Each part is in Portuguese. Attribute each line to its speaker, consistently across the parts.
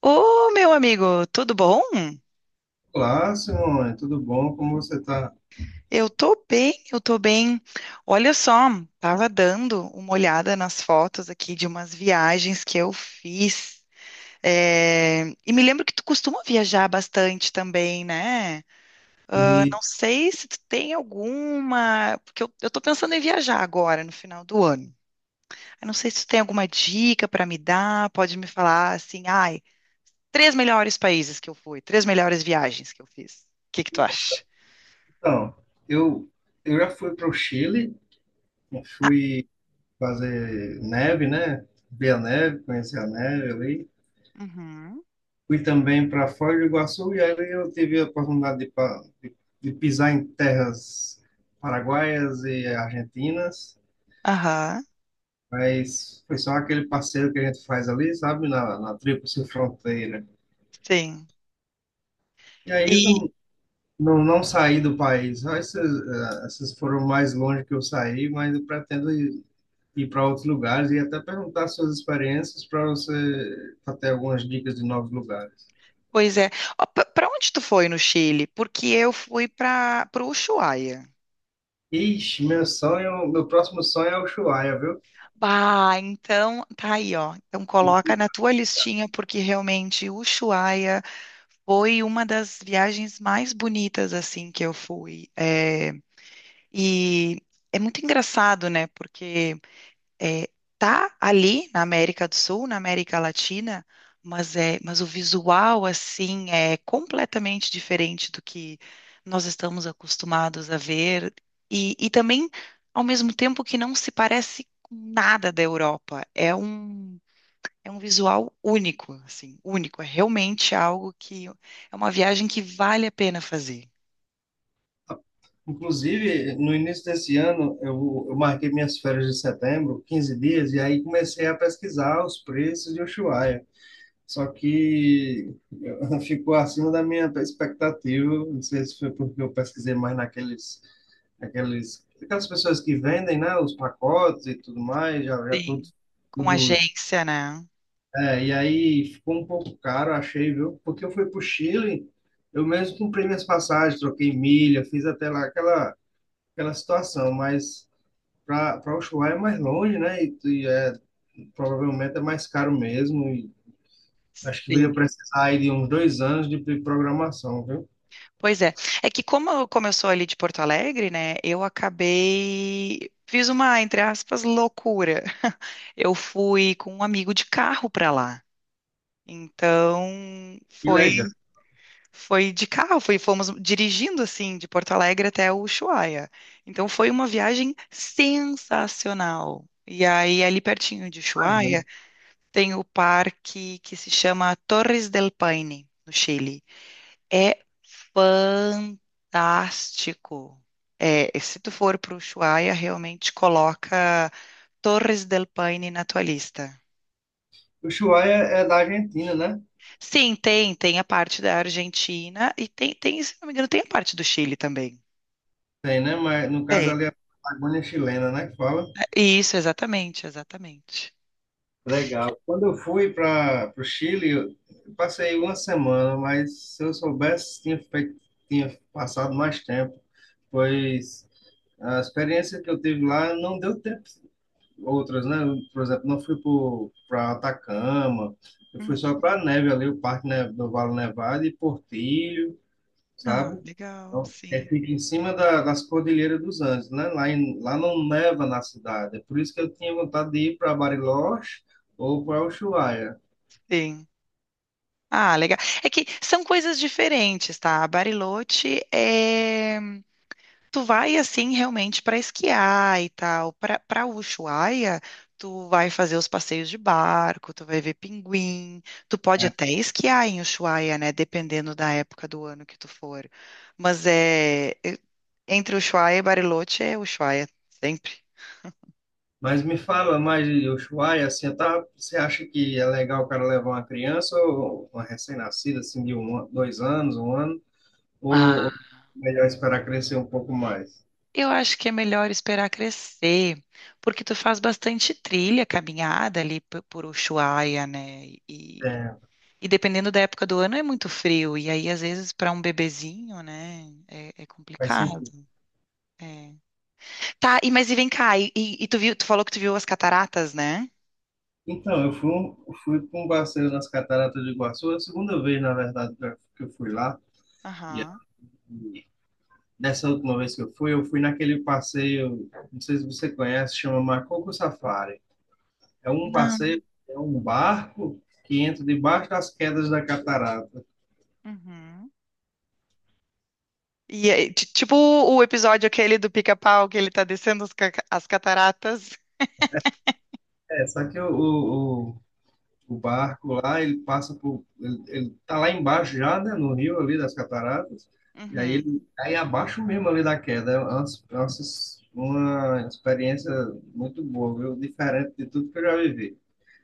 Speaker 1: Ô, meu amigo, tudo bom?
Speaker 2: Olá, Simone, tudo bom? Como você está?
Speaker 1: Eu tô bem, eu tô bem. Olha só, tava dando uma olhada nas fotos aqui de umas viagens que eu fiz. E me lembro que tu costuma viajar bastante também, né? Eu
Speaker 2: E,
Speaker 1: não sei se tu tem alguma, porque eu tô pensando em viajar agora, no final do ano. Eu não sei se tu tem alguma dica pra me dar, pode me falar assim, ai, três melhores países que eu fui, três melhores viagens que eu fiz. O que que tu acha?
Speaker 2: então, eu, eu já fui para o Chile, eu fui fazer neve, né? Ver a neve, conhecer a neve ali.
Speaker 1: Uhum.
Speaker 2: Fui também para Foz do Iguaçu e ali eu tive a oportunidade de pisar em terras paraguaias e argentinas,
Speaker 1: Aham,
Speaker 2: mas foi só aquele passeio que a gente faz ali, sabe? Na Tríplice Fronteira.
Speaker 1: sim.
Speaker 2: E aí.
Speaker 1: E,
Speaker 2: Não, não saí do país. Só essas foram mais longe que eu saí, mas eu pretendo ir para outros lugares e até perguntar suas experiências para você pra ter algumas dicas de novos lugares.
Speaker 1: pois é. Para onde tu foi no Chile? Porque eu fui para o Ushuaia.
Speaker 2: Ixi, meu sonho, meu próximo sonho é o Ushuaia, viu?
Speaker 1: Bah, então tá aí, ó. Então coloca na tua listinha, porque realmente o Ushuaia foi uma das viagens mais bonitas, assim, que eu fui. É, e é muito engraçado, né? Porque é, tá ali na América do Sul, na América Latina, mas é, mas o visual assim é completamente diferente do que nós estamos acostumados a ver e também ao mesmo tempo que não se parece com nada da Europa. É um visual único, assim, único. É realmente algo que é uma viagem que vale a pena fazer.
Speaker 2: Inclusive, no início desse ano, eu marquei minhas férias de setembro, 15 dias, e aí comecei a pesquisar os preços de Ushuaia. Só que eu- ficou acima da minha expectativa. Não sei se foi porque eu pesquisei mais aquelas pessoas que vendem, né, os pacotes e tudo mais, já tudo,
Speaker 1: Sim. Com
Speaker 2: tudo.
Speaker 1: agência, né?
Speaker 2: É, e aí ficou um pouco caro, achei, viu? Porque eu fui para o Chile, eu mesmo comprei minhas passagens, troquei milha, fiz até lá aquela situação, mas para o Ushuaia é mais longe, né? E é, provavelmente é mais caro mesmo. Acho que eu
Speaker 1: Sim.
Speaker 2: ia precisar aí de uns 2 anos de programação, viu?
Speaker 1: Pois é. É que como eu sou ali de Porto Alegre, né, eu acabei fiz uma, entre aspas, loucura. Eu fui com um amigo de carro para lá. Então,
Speaker 2: Que
Speaker 1: foi
Speaker 2: legal.
Speaker 1: foi de carro, foi, fomos dirigindo assim de Porto Alegre até Ushuaia. Então foi uma viagem sensacional. E aí ali pertinho de
Speaker 2: Imagina.
Speaker 1: Ushuaia tem o parque que se chama Torres del Paine, no Chile. É fantástico. É, e se tu for para o Ushuaia, realmente coloca Torres del Paine na tua lista.
Speaker 2: O Ushuaia é da Argentina, né?
Speaker 1: Sim, tem, tem a parte da Argentina e tem, tem, se não me engano, tem a parte do Chile também.
Speaker 2: Tem, né? Mas no caso
Speaker 1: Tem.
Speaker 2: ali é a Patagônia chilena, né? Que fala.
Speaker 1: Isso, exatamente, exatamente.
Speaker 2: Legal. Quando eu fui para o Chile, eu passei uma semana, mas se eu soubesse, tinha passado mais tempo, pois a experiência que eu tive lá não deu tempo outras, né? Por exemplo, não fui para Atacama, eu fui
Speaker 1: Uhum.
Speaker 2: só para neve ali, o do Vale Nevado e Portilho,
Speaker 1: Ah,
Speaker 2: sabe?
Speaker 1: legal,
Speaker 2: Então, é,
Speaker 1: sim,
Speaker 2: fica em cima das Cordilheiras dos Andes, né? Lá, lá não neva na cidade, é por isso que eu tinha vontade de ir para Bariloche ou para Ushuaia.
Speaker 1: sim. Ah, legal. É que são coisas diferentes, tá? Bariloche é: tu vai assim realmente para esquiar e tal. Para Ushuaia, tu vai fazer os passeios de barco, tu vai ver pinguim, tu pode
Speaker 2: É.
Speaker 1: até esquiar em Ushuaia, né, dependendo da época do ano que tu for. Mas é é- Entre Ushuaia e Bariloche é Ushuaia sempre.
Speaker 2: Mas me fala mais de Ushuaia, assim, tá, você acha que é legal o cara levar uma criança ou uma recém-nascida, assim, de um, 2 anos, 1 ano, ou
Speaker 1: Ah,
Speaker 2: ou é melhor esperar crescer um pouco mais?
Speaker 1: eu acho que é melhor esperar crescer, porque tu faz bastante trilha, caminhada ali por Ushuaia, né? E
Speaker 2: É,
Speaker 1: E dependendo da época do ano é muito frio, e aí às vezes para um bebezinho, né, é
Speaker 2: faz
Speaker 1: complicado.
Speaker 2: sentido.
Speaker 1: É. Tá, e mas e vem cá, e tu viu, tu falou que tu viu as cataratas, né?
Speaker 2: Então, eu fui para um passeio nas Cataratas do Iguaçu, a segunda vez, na verdade, que eu fui lá. E,
Speaker 1: Aham.
Speaker 2: e dessa última vez que eu fui naquele passeio, não sei se você conhece, chama Macoco Safari. É um
Speaker 1: Não.
Speaker 2: passeio, é um barco que entra debaixo das quedas da catarata.
Speaker 1: Uhum. E é, tipo o episódio aquele do Pica-Pau que ele tá descendo as cataratas.
Speaker 2: É, só que o, o barco lá, ele passa por. Ele tá lá embaixo já, né, no rio ali das cataratas, e aí
Speaker 1: Uhum.
Speaker 2: ele cai abaixo mesmo ali da queda. É uma experiência muito boa, viu? Diferente de tudo que eu já vivi.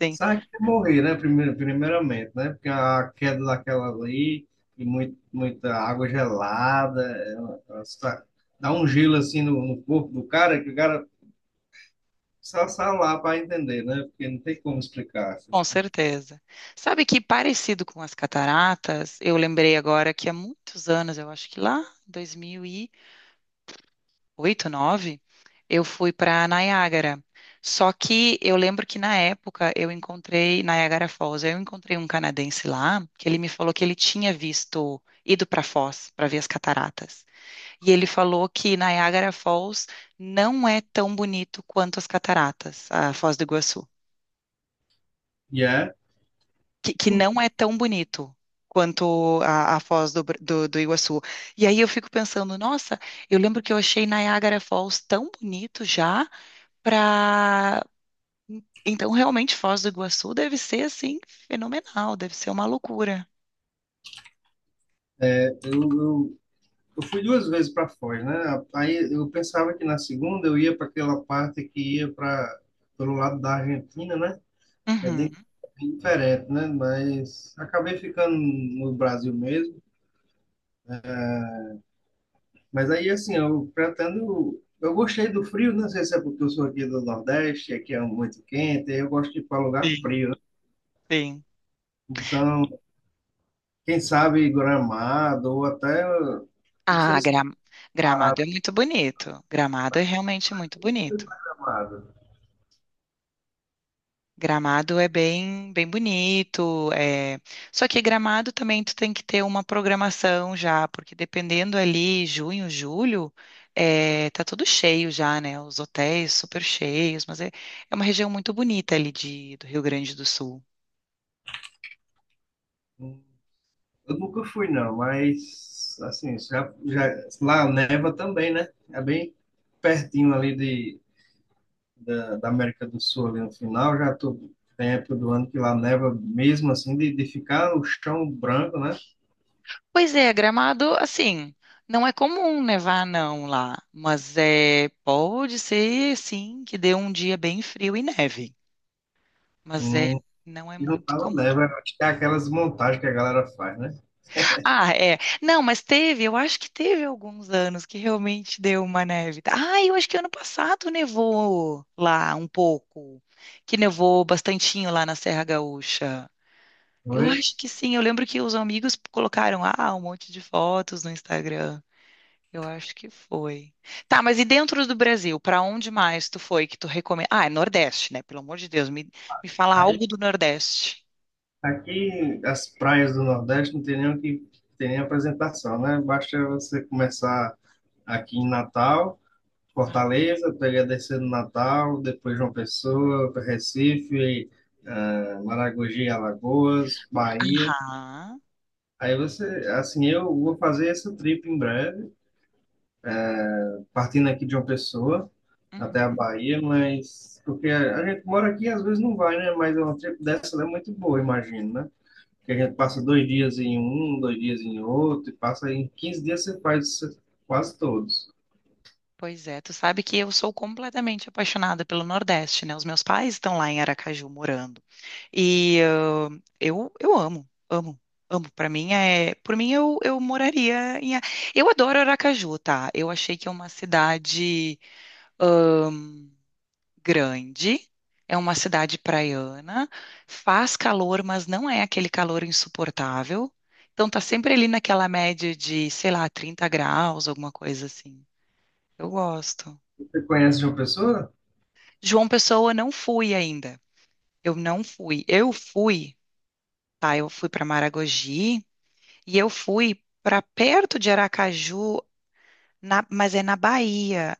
Speaker 1: Sim,
Speaker 2: Sabe que é morrer, né? Primeiro, primeiramente, né? Porque a queda daquela ali e muito, muita água gelada, dá um gelo assim no corpo do cara que o cara só sai lá para entender, né? Porque não tem como explicar.
Speaker 1: com certeza. Sabe que parecido com as cataratas, eu lembrei agora que há muitos anos, eu acho que lá, 2000 oito, nove, eu fui para Niágara. Só que eu lembro que na época eu encontrei Niágara Falls, eu encontrei um canadense lá que ele me falou que ele tinha visto, ido para Foz para ver as cataratas. E ele falou que Niágara Falls não é tão bonito quanto as cataratas, a Foz do Iguaçu.
Speaker 2: E é
Speaker 1: Que não é tão bonito quanto a Foz do, Br- do do Iguaçu. E aí eu fico pensando, nossa, eu lembro que eu achei Niagara Falls tão bonito já, pra... Então, realmente, Foz do Iguaçu deve ser, assim, fenomenal, deve ser uma loucura.
Speaker 2: É, eu, eu, eu fui 2 vezes para Foz, né? Aí eu pensava que na segunda eu ia para aquela parte que ia para pelo lado da Argentina, né? Que é
Speaker 1: Uhum.
Speaker 2: bem, bem diferente, né? Mas acabei ficando no Brasil mesmo. Mas aí, assim, eu pretendo. Eu gostei do frio, não sei se é porque eu sou aqui do Nordeste, aqui é muito quente, aí eu gosto de ir para lugar
Speaker 1: Sim,
Speaker 2: frio, né?
Speaker 1: sim.
Speaker 2: Então, quem sabe Gramado ou até. Não sei
Speaker 1: Ah,
Speaker 2: se
Speaker 1: Gra- Gramado é muito bonito. Gramado é realmente muito bonito.
Speaker 2: Gramado.
Speaker 1: Gramado é bem, bem bonito. Só que Gramado também tu tem que ter uma programação já, porque dependendo ali, junho, julho, é, tá tudo cheio já, né? Os hotéis super cheios, mas é, é uma região muito bonita ali de, do Rio Grande do Sul.
Speaker 2: Eu nunca fui, não, mas assim, já, já, lá neva também, né? É bem pertinho ali da América do Sul, ali no final, já tô, tem época do ano que lá neva mesmo assim, de ficar o chão branco, né?
Speaker 1: Pois é, Gramado, assim, não é comum nevar não lá, mas é pode ser sim que dê um dia bem frio e neve, mas é
Speaker 2: Hum,
Speaker 1: não é
Speaker 2: e não
Speaker 1: muito
Speaker 2: tava
Speaker 1: comum.
Speaker 2: neva, acho que é aquelas montagens que a galera faz, né?
Speaker 1: Ah, é. Não, mas teve, eu acho que teve alguns anos que realmente deu uma neve. Ah, eu acho que ano passado nevou lá um pouco, que nevou bastantinho lá na Serra Gaúcha. Eu
Speaker 2: Oi?
Speaker 1: acho que sim, eu lembro que os amigos colocaram ah, um monte de fotos no Instagram. Eu acho que foi. Tá, mas e dentro do Brasil, para onde mais tu foi que tu recomenda? Ah, é Nordeste, né? Pelo amor de Deus, me fala
Speaker 2: Aí,
Speaker 1: algo do Nordeste.
Speaker 2: aqui, as praias do Nordeste não tem nem o que tem nem apresentação, né? Basta você começar aqui em Natal. Fortaleza, peguei a descer no Natal, depois João Pessoa, Recife, Maragogi, Alagoas, Bahia.
Speaker 1: Ah,
Speaker 2: Aí você, assim, eu vou fazer essa trip em breve, partindo aqui de João Pessoa até
Speaker 1: uhum.
Speaker 2: a Bahia, mas porque a gente mora aqui às vezes não vai, né? Mas é uma trip dessa é muito boa, imagino, né? Porque a gente passa 2 dias em um, 2 dias em outro, e passa em 15 dias você faz quase todos.
Speaker 1: Pois é, tu sabe que eu sou completamente apaixonada pelo Nordeste, né? Os meus pais estão lá em Aracaju morando. E ah, eu amo, amo, amo. Para mim é, por mim eu moraria em, eu adoro Aracaju, tá? Eu achei que é uma cidade grande, é uma cidade praiana, faz calor, mas não é aquele calor insuportável. Então tá sempre ali naquela média de, sei lá, 30 graus, alguma coisa assim. Eu gosto.
Speaker 2: Você conhece João Pessoa?
Speaker 1: João Pessoa não fui ainda. Eu não fui. Eu fui, tá? Eu fui para Maragogi e eu fui para perto de Aracaju, mas é na Bahia.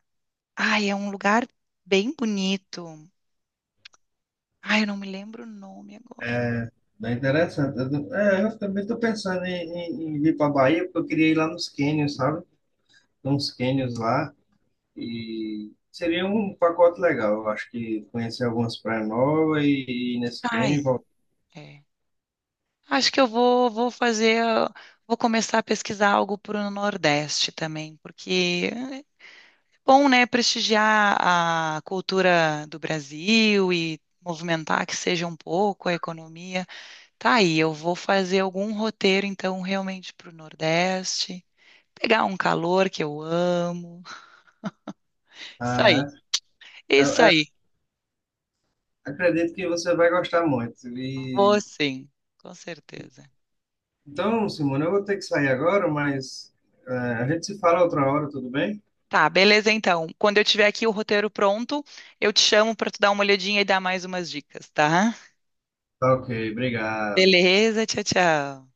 Speaker 1: Ai, é um lugar bem bonito. Ai, eu não me lembro o nome agora.
Speaker 2: É, bem interessante. Eu também estou pensando em, vir para a Bahia, porque eu queria ir lá nos cânions, sabe? Tem uns cânions lá e seria um pacote legal. Eu acho que conhecer algumas praias novas e ir nesse cânion.
Speaker 1: Ai,
Speaker 2: E voltar.
Speaker 1: é. Acho que eu vou fazer, vou começar a pesquisar algo para o Nordeste também, porque é bom, né, prestigiar a cultura do Brasil e movimentar que seja um pouco a economia. Tá aí, eu vou fazer algum roteiro, então, realmente para o Nordeste, pegar um calor que eu amo. Isso aí,
Speaker 2: Ah, é. Eu-
Speaker 1: isso
Speaker 2: eu
Speaker 1: aí.
Speaker 2: acredito que você vai gostar muito.
Speaker 1: Vou
Speaker 2: E,
Speaker 1: sim, com certeza.
Speaker 2: então, Simone, eu vou ter que sair agora, mas é, a gente se fala outra hora, tudo bem?
Speaker 1: Tá, beleza então. Quando eu tiver aqui o roteiro pronto, eu te chamo para tu dar uma olhadinha e dar mais umas dicas, tá?
Speaker 2: Tá ok, obrigado.
Speaker 1: Beleza, tchau, tchau.